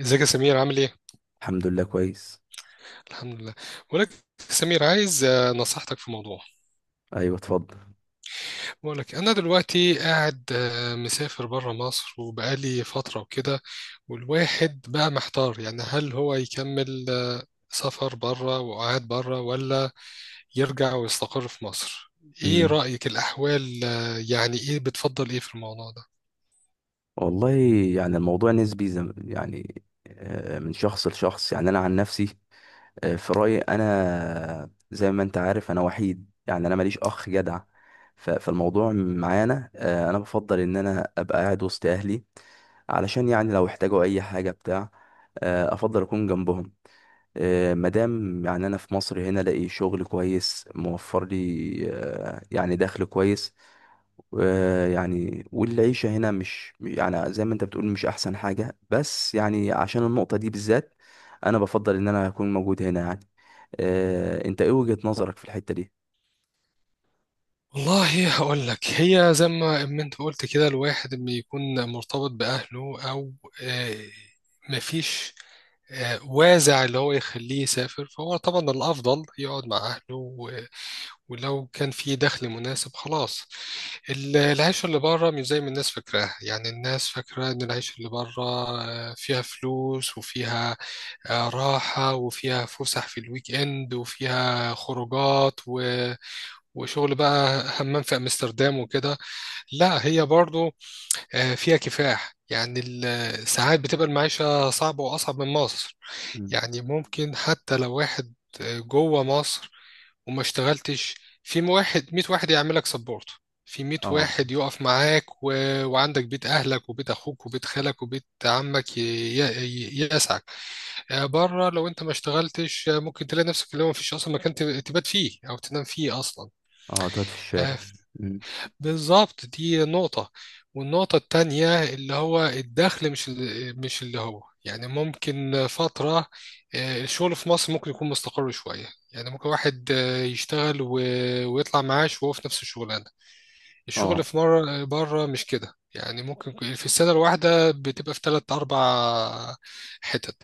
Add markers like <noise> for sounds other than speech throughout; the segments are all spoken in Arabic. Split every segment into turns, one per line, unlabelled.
ازيك يا سمير، عامل ايه؟
الحمد لله كويس.
الحمد لله. بقول لك يا سمير، عايز نصيحتك في موضوع.
ايوه، اتفضل.
بقول لك انا دلوقتي قاعد مسافر بره مصر وبقالي فترة وكده. والواحد بقى محتار، يعني هل هو يكمل سفر بره وقعد بره، ولا يرجع ويستقر في مصر؟ ايه
امم.
رأيك؟ الاحوال يعني ايه؟ بتفضل ايه في الموضوع ده؟
والله، يعني الموضوع نسبي يعني، من شخص لشخص. يعني انا عن نفسي في رايي، انا زي ما انت عارف انا وحيد، يعني انا ماليش اخ جدع. فالموضوع معانا، انا بفضل ان انا ابقى قاعد وسط اهلي، علشان يعني لو احتاجوا اي حاجه بتاع، افضل اكون جنبهم. مادام يعني انا في مصر هنا الاقي شغل كويس موفر لي، يعني دخل كويس، ويعني والعيشة هنا مش يعني زي ما انت بتقول مش احسن حاجة، بس يعني عشان النقطة دي بالذات انا بفضل ان انا اكون موجود هنا يعني. انت ايه وجهة نظرك في الحتة دي؟
والله هقول لك، هي زي ما انت قلت كده، الواحد لما يكون مرتبط بأهله او آه، مفيش وازع اللي هو يخليه يسافر، فهو طبعا الأفضل يقعد مع أهله ولو كان في دخل مناسب خلاص. العيشة اللي بره مش زي ما الناس فاكراها. يعني الناس فاكرة إن العيشة اللي بره فيها فلوس، وفيها راحة، وفيها فسح في الويك إند، وفيها خروجات وشغل، بقى حمام في أمستردام وكده. لا، هي برضو فيها كفاح. يعني ساعات بتبقى المعيشة صعبة وأصعب من مصر.
مم.
يعني ممكن حتى لو واحد جوه مصر وما اشتغلتش، في واحد 100 واحد يعملك سبورت، في 100
اه.
واحد يقف معاك وعندك بيت اهلك وبيت اخوك وبيت خالك وبيت عمك يسعك. بره لو انت ما اشتغلتش، ممكن تلاقي نفسك اللي هو مفيش اصلا مكان تبات فيه او تنام فيه اصلا.
اه، تقعد في
آه،
الشارع. مم.
بالظبط، دي نقطة. والنقطة التانية اللي هو الدخل مش مش اللي هو، يعني ممكن فترة الشغل في مصر ممكن يكون مستقر شوية. يعني ممكن واحد يشتغل ويطلع معاش وهو في نفس الشغلانة. الشغل
اه.
في مرة بره مش كده، يعني ممكن في السنة الواحدة بتبقى في تلات أربع حتت.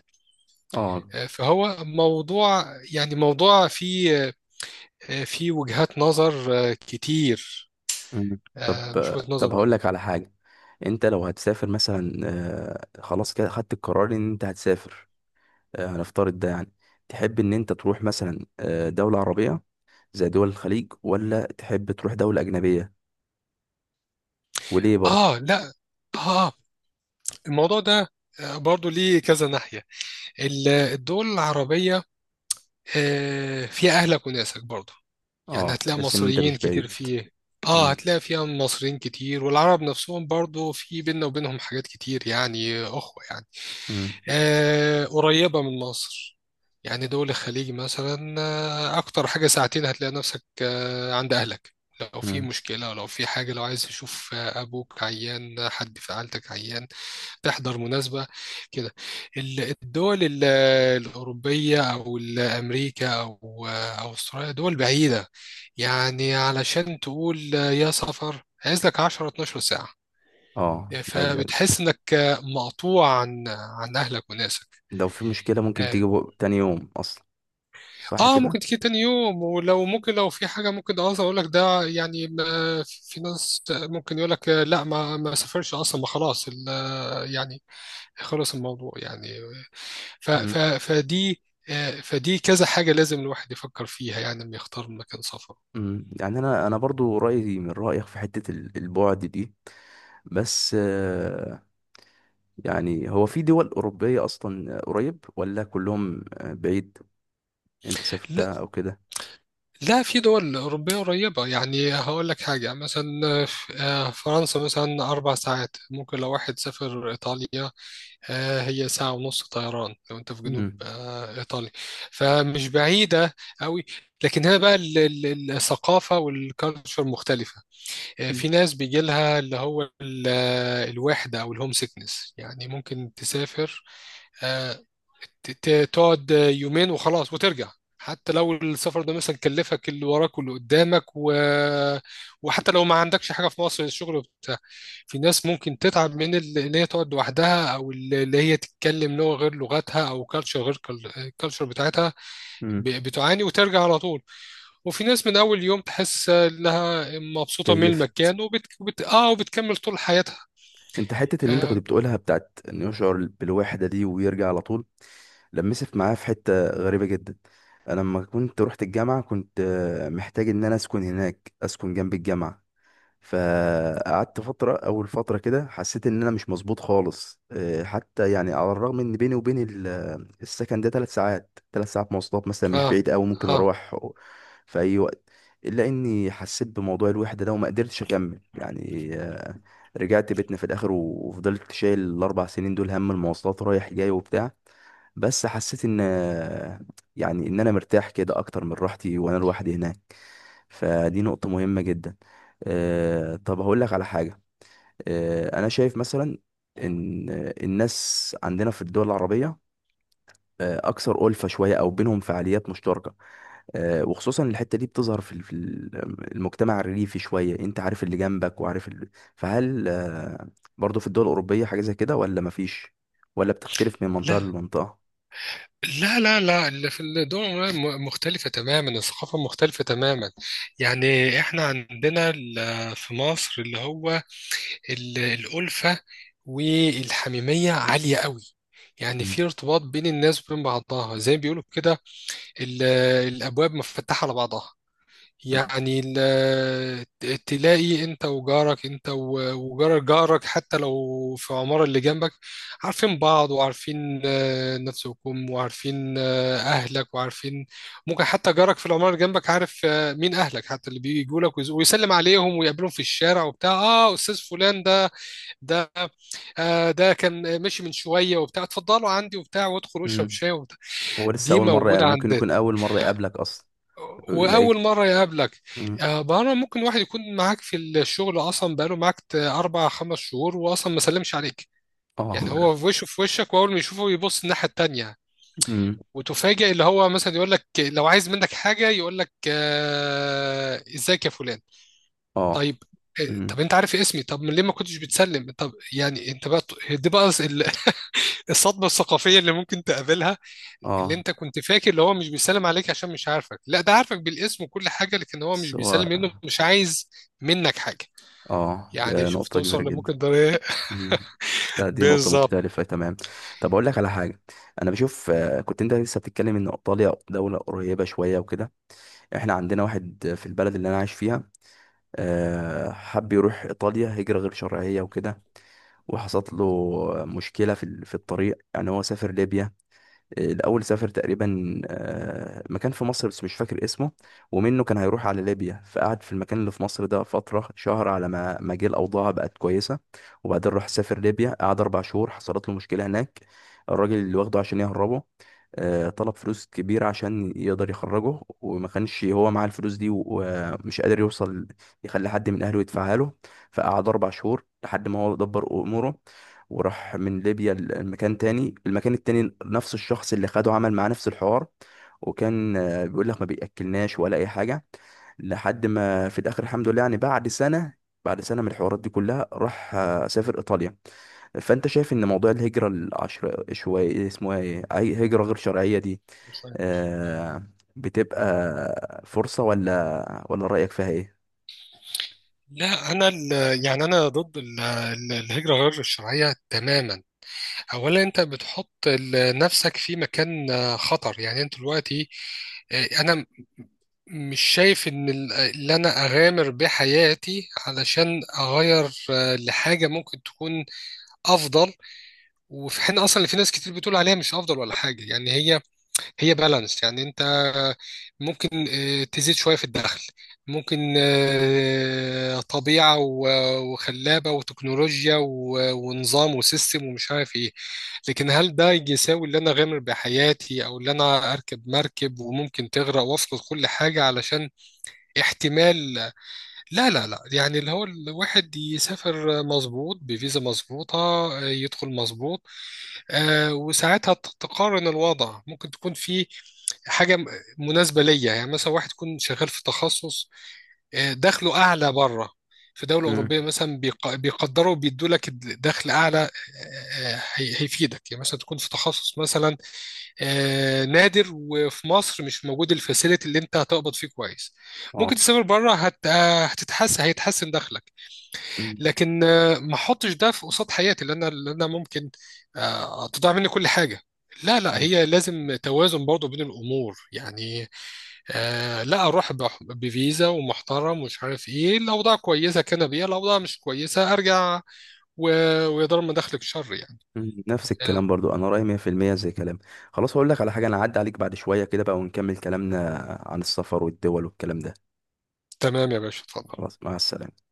اه.
فهو موضوع، يعني موضوع فيه فيه وجهات نظر كتير،
مم. طب
مش وجهة
طب
نظر
هقول
واحدة.
لك على حاجة. انت لو هتسافر مثلا، خلاص كده خدت القرار ان انت هتسافر، هنفترض ده يعني. تحب ان انت تروح مثلا دولة عربية زي دول الخليج، ولا تحب تروح دولة أجنبية؟ وليه برضه؟
لا، آه الموضوع ده برضو ليه كذا ناحية. الدول العربية فيها أهلك وناسك برضو، يعني
اه،
هتلاقي
تحس إن أنت
مصريين
مش
كتير
بعيد.
فيه.
مم.
هتلاقي فيها مصريين كتير، والعرب نفسهم برضو في بيننا وبينهم حاجات كتير، يعني أخوة يعني.
مم.
قريبة من مصر. يعني دول الخليج مثلا أكتر حاجة ساعتين، هتلاقي نفسك عند أهلك. لو في
مم.
مشكلة، لو في حاجة، لو عايز تشوف أبوك عيان، حد في عيلتك عيان، تحضر مناسبة كده. الدول الأوروبية أو أمريكا أو أستراليا دول بعيدة، يعني علشان تقول يا سفر عايز لك 10 12 ساعة.
اه،
فبتحس إنك مقطوع عن أهلك وناسك.
لو في مشكلة ممكن تيجي تاني يوم أصلا، صح
اه،
كده؟
ممكن تيجي تاني يوم، ولو ممكن لو في حاجة ممكن اقول لك ده، يعني في ناس ممكن يقول لك لا ما سافرش اصلا، ما خلاص يعني خلص الموضوع يعني. ف ف
مم.
فدي، فدي كذا حاجة لازم الواحد يفكر فيها، يعني لما يختار مكان سفر.
مم. يعني أنا برضو رأيي من رأيك في حتة البعد دي، بس يعني هو في دول أوروبية أصلا قريب ولا كلهم بعيد؟ أنت
لا،
سافرتها أو كده؟
لا، في دول أوروبية قريبة. يعني هقول لك حاجة، مثلا فرنسا مثلا أربع ساعات. ممكن لو واحد سافر إيطاليا، هي ساعة ونص طيران، لو انت في جنوب
مم.
ايطاليا، فمش بعيدة قوي. لكن هنا بقى الثقافة والكالتشر مختلفة.
مم.
في ناس بيجي لها اللي هو الوحدة او الهوم سيكنس، يعني ممكن تسافر آه، تقعد يومين وخلاص وترجع. حتى لو السفر ده مثلا كلفك اللي وراك واللي قدامك وحتى لو ما عندكش حاجة في مصر، الشغل وبتاع. في ناس ممكن تتعب من اللي هي تقعد لوحدها، او اللي هي تتكلم لغة غير لغتها، او كالتشر غير الكالتشر بتاعتها،
مم.
بتعاني وترجع على طول. وفي ناس من اول يوم تحس انها مبسوطة من
كيفت.
المكان وبتكمل طول حياتها.
انت حته اللي انت كنت
اه.
بتقولها بتاعت انه يشعر بالوحده دي ويرجع على طول، لمست معايا في حته غريبه جدا. انا لما كنت رحت الجامعه كنت محتاج ان انا اسكن هناك، اسكن جنب الجامعه. فقعدت فترة، أول فترة كده حسيت إن أنا مش مظبوط خالص، حتى يعني على الرغم إن بيني وبين السكن ده تلات ساعات، تلات ساعات مواصلات مثلا، مش
اه،
بعيد أوي، ممكن
آه.
أروح في أي وقت. إلا إني حسيت بموضوع الوحدة ده وما قدرتش أكمل يعني. رجعت بيتنا في الآخر وفضلت شايل الأربع سنين دول هم المواصلات رايح جاي وبتاع، بس حسيت إن يعني إن أنا مرتاح كده أكتر من راحتي وأنا لوحدي هناك. فدي نقطة مهمة جدا. طب هقول لك على حاجة. أنا شايف مثلا إن الناس عندنا في الدول العربية أكثر ألفة شوية، أو بينهم فعاليات مشتركة. وخصوصا الحتة دي بتظهر في المجتمع الريفي شوية. أنت عارف اللي جنبك وعارف اللي... فهل برضو في الدول الأوروبية حاجة زي كده ولا مفيش؟ ولا بتختلف من
لا،
منطقة لمنطقة؟
لا، لا، لا، اللي في الدول مختلفة تماما، الثقافة مختلفة تماما. يعني احنا عندنا في مصر اللي هو الألفة والحميمية عالية قوي. يعني
مم.
في ارتباط بين الناس وبين بعضها، زي ما بيقولوا كده، ال- الأبواب مفتحة على بعضها.
مم.
يعني تلاقي انت وجارك، انت وجار جارك حتى لو في العمارة اللي جنبك، عارفين بعض وعارفين نفسكم وعارفين اهلك وعارفين. ممكن حتى جارك في العمارة اللي جنبك عارف مين اهلك، حتى اللي بيجوا لك ويسلم عليهم ويقابلهم في الشارع وبتاع، اه استاذ فلان ده، ده كان ماشي من شوية وبتاع، اتفضلوا عندي وبتاع، وادخل اشرب
مم.
شاي وبتاع.
هو لسه
دي
أول مرة،
موجودة
ممكن
عندنا،
يكون أول مرة يقابلك أصلا،
واول
يلاقيك.
مره يقابلك.
مم.
مره ممكن واحد يكون معاك في الشغل اصلا، بقاله معاك اربع خمس شهور واصلا ما سلمش عليك.
اه.
يعني هو
<laughs>
في وشه في وشك، واول ما يشوفه يبص الناحيه التانيه.
امم.
وتفاجئ اللي هو مثلا يقول لك، لو عايز منك حاجه يقول لك ازيك يا فلان.
اه.
طيب، طب
امم.
انت عارف اسمي، طب ليه ما كنتش بتسلم، طب يعني انت بقى. دي بقى الصدمة الثقافية اللي ممكن تقابلها. اللي
اه.
انت كنت فاكر اللي هو مش بيسلم عليك عشان مش عارفك، لا ده عارفك بالاسم وكل حاجة، لكن هو مش
بس هو.
بيسلم منه، مش عايز منك حاجة.
اه،
يعني
ده
شوف
نقطة
توصل
كبيرة جدا.
لممكن ده إيه؟
امم.
<laughs>
دي نقطة
بالظبط.
مختلفة تمام. طب أقول لك على حاجة. أنا بشوف كنت أنت لسه بتتكلم إن إيطاليا دولة قريبة شوية وكده. إحنا عندنا واحد في البلد اللي أنا عايش فيها، حب يروح إيطاليا هجرة غير شرعية وكده. وحصلت له مشكلة في الطريق. يعني هو سافر ليبيا الأول، سافر تقريبا مكان في مصر بس مش فاكر اسمه، ومنه كان هيروح على ليبيا. فقعد في المكان اللي في مصر ده فترة شهر على ما جه الأوضاع بقت كويسة، وبعدين راح سافر ليبيا، قعد أربع شهور، حصلت له مشكلة هناك. الراجل اللي واخده عشان يهربه طلب فلوس كبيرة عشان يقدر يخرجه، وما كانش هو معاه الفلوس دي، ومش قادر يوصل يخلي حد من أهله يدفعها له. فقعد أربع شهور لحد ما هو دبر أموره، وراح من ليبيا لمكان تاني. المكان التاني نفس الشخص اللي خده عمل معاه نفس الحوار، وكان بيقول لك ما بيأكلناش ولا أي حاجة. لحد ما في الآخر الحمد لله يعني، بعد سنة، بعد سنة من الحوارات دي كلها، راح سافر إيطاليا. فأنت شايف إن موضوع الهجرة العشر شوية اسمه إيه، أي هجرة غير شرعية دي، آه، بتبقى فرصة ولا رأيك فيها إيه؟
لا، انا يعني انا ضد الهجرة غير الشرعية تماما. اولا انت بتحط نفسك في مكان خطر، يعني انت دلوقتي انا مش شايف ان اللي انا اغامر بحياتي علشان اغير لحاجه ممكن تكون افضل. وفي حين اصلا اللي في ناس كتير بتقول عليها مش افضل ولا حاجه، يعني هي هي بالانس. يعني انت ممكن تزيد شويه في الدخل، ممكن طبيعه وخلابه وتكنولوجيا ونظام وسيستم ومش عارف ايه. لكن هل ده يساوي اللي انا اغامر بحياتي، او اللي انا اركب مركب وممكن تغرق وافقد كل حاجه علشان احتمال؟ لا، لا، لا، يعني اللي هو الواحد يسافر مظبوط بفيزا مظبوطة، يدخل مظبوط، وساعتها تقارن الوضع، ممكن تكون في حاجة مناسبة ليا. يعني مثلا واحد يكون شغال في تخصص دخله أعلى بره، في دولة
مم.
أوروبية مثلا بيقدروا بيدوا لك دخل أعلى. هيفيدك، يعني مثلا تكون في تخصص مثلا نادر وفي مصر مش موجود الفاسيلتي، اللي انت هتقبض فيه كويس ممكن
اه.
تسافر بره هت... آه، هتتحسن هيتحسن دخلك.
مم.
لكن ما احطش ده في قصاد حياتي، اللي انا ممكن تضيع مني كل حاجه. لا، لا، هي لازم توازن برضه بين الامور يعني. لا، اروح بفيزا ومحترم ومش عارف ايه، الاوضاع كويسه كان بيها، الاوضاع مش كويسه ارجع و... ويضر مداخلك شر يعني.
مم، نفس
آه
الكلام برضو انا رايي 100% زي كلام. خلاص هقول لك على حاجه، انا هعدي عليك بعد شويه كده بقى، ونكمل كلامنا عن السفر والدول والكلام ده.
تمام يا باشا، اتفضل.
خلاص، مع السلامه.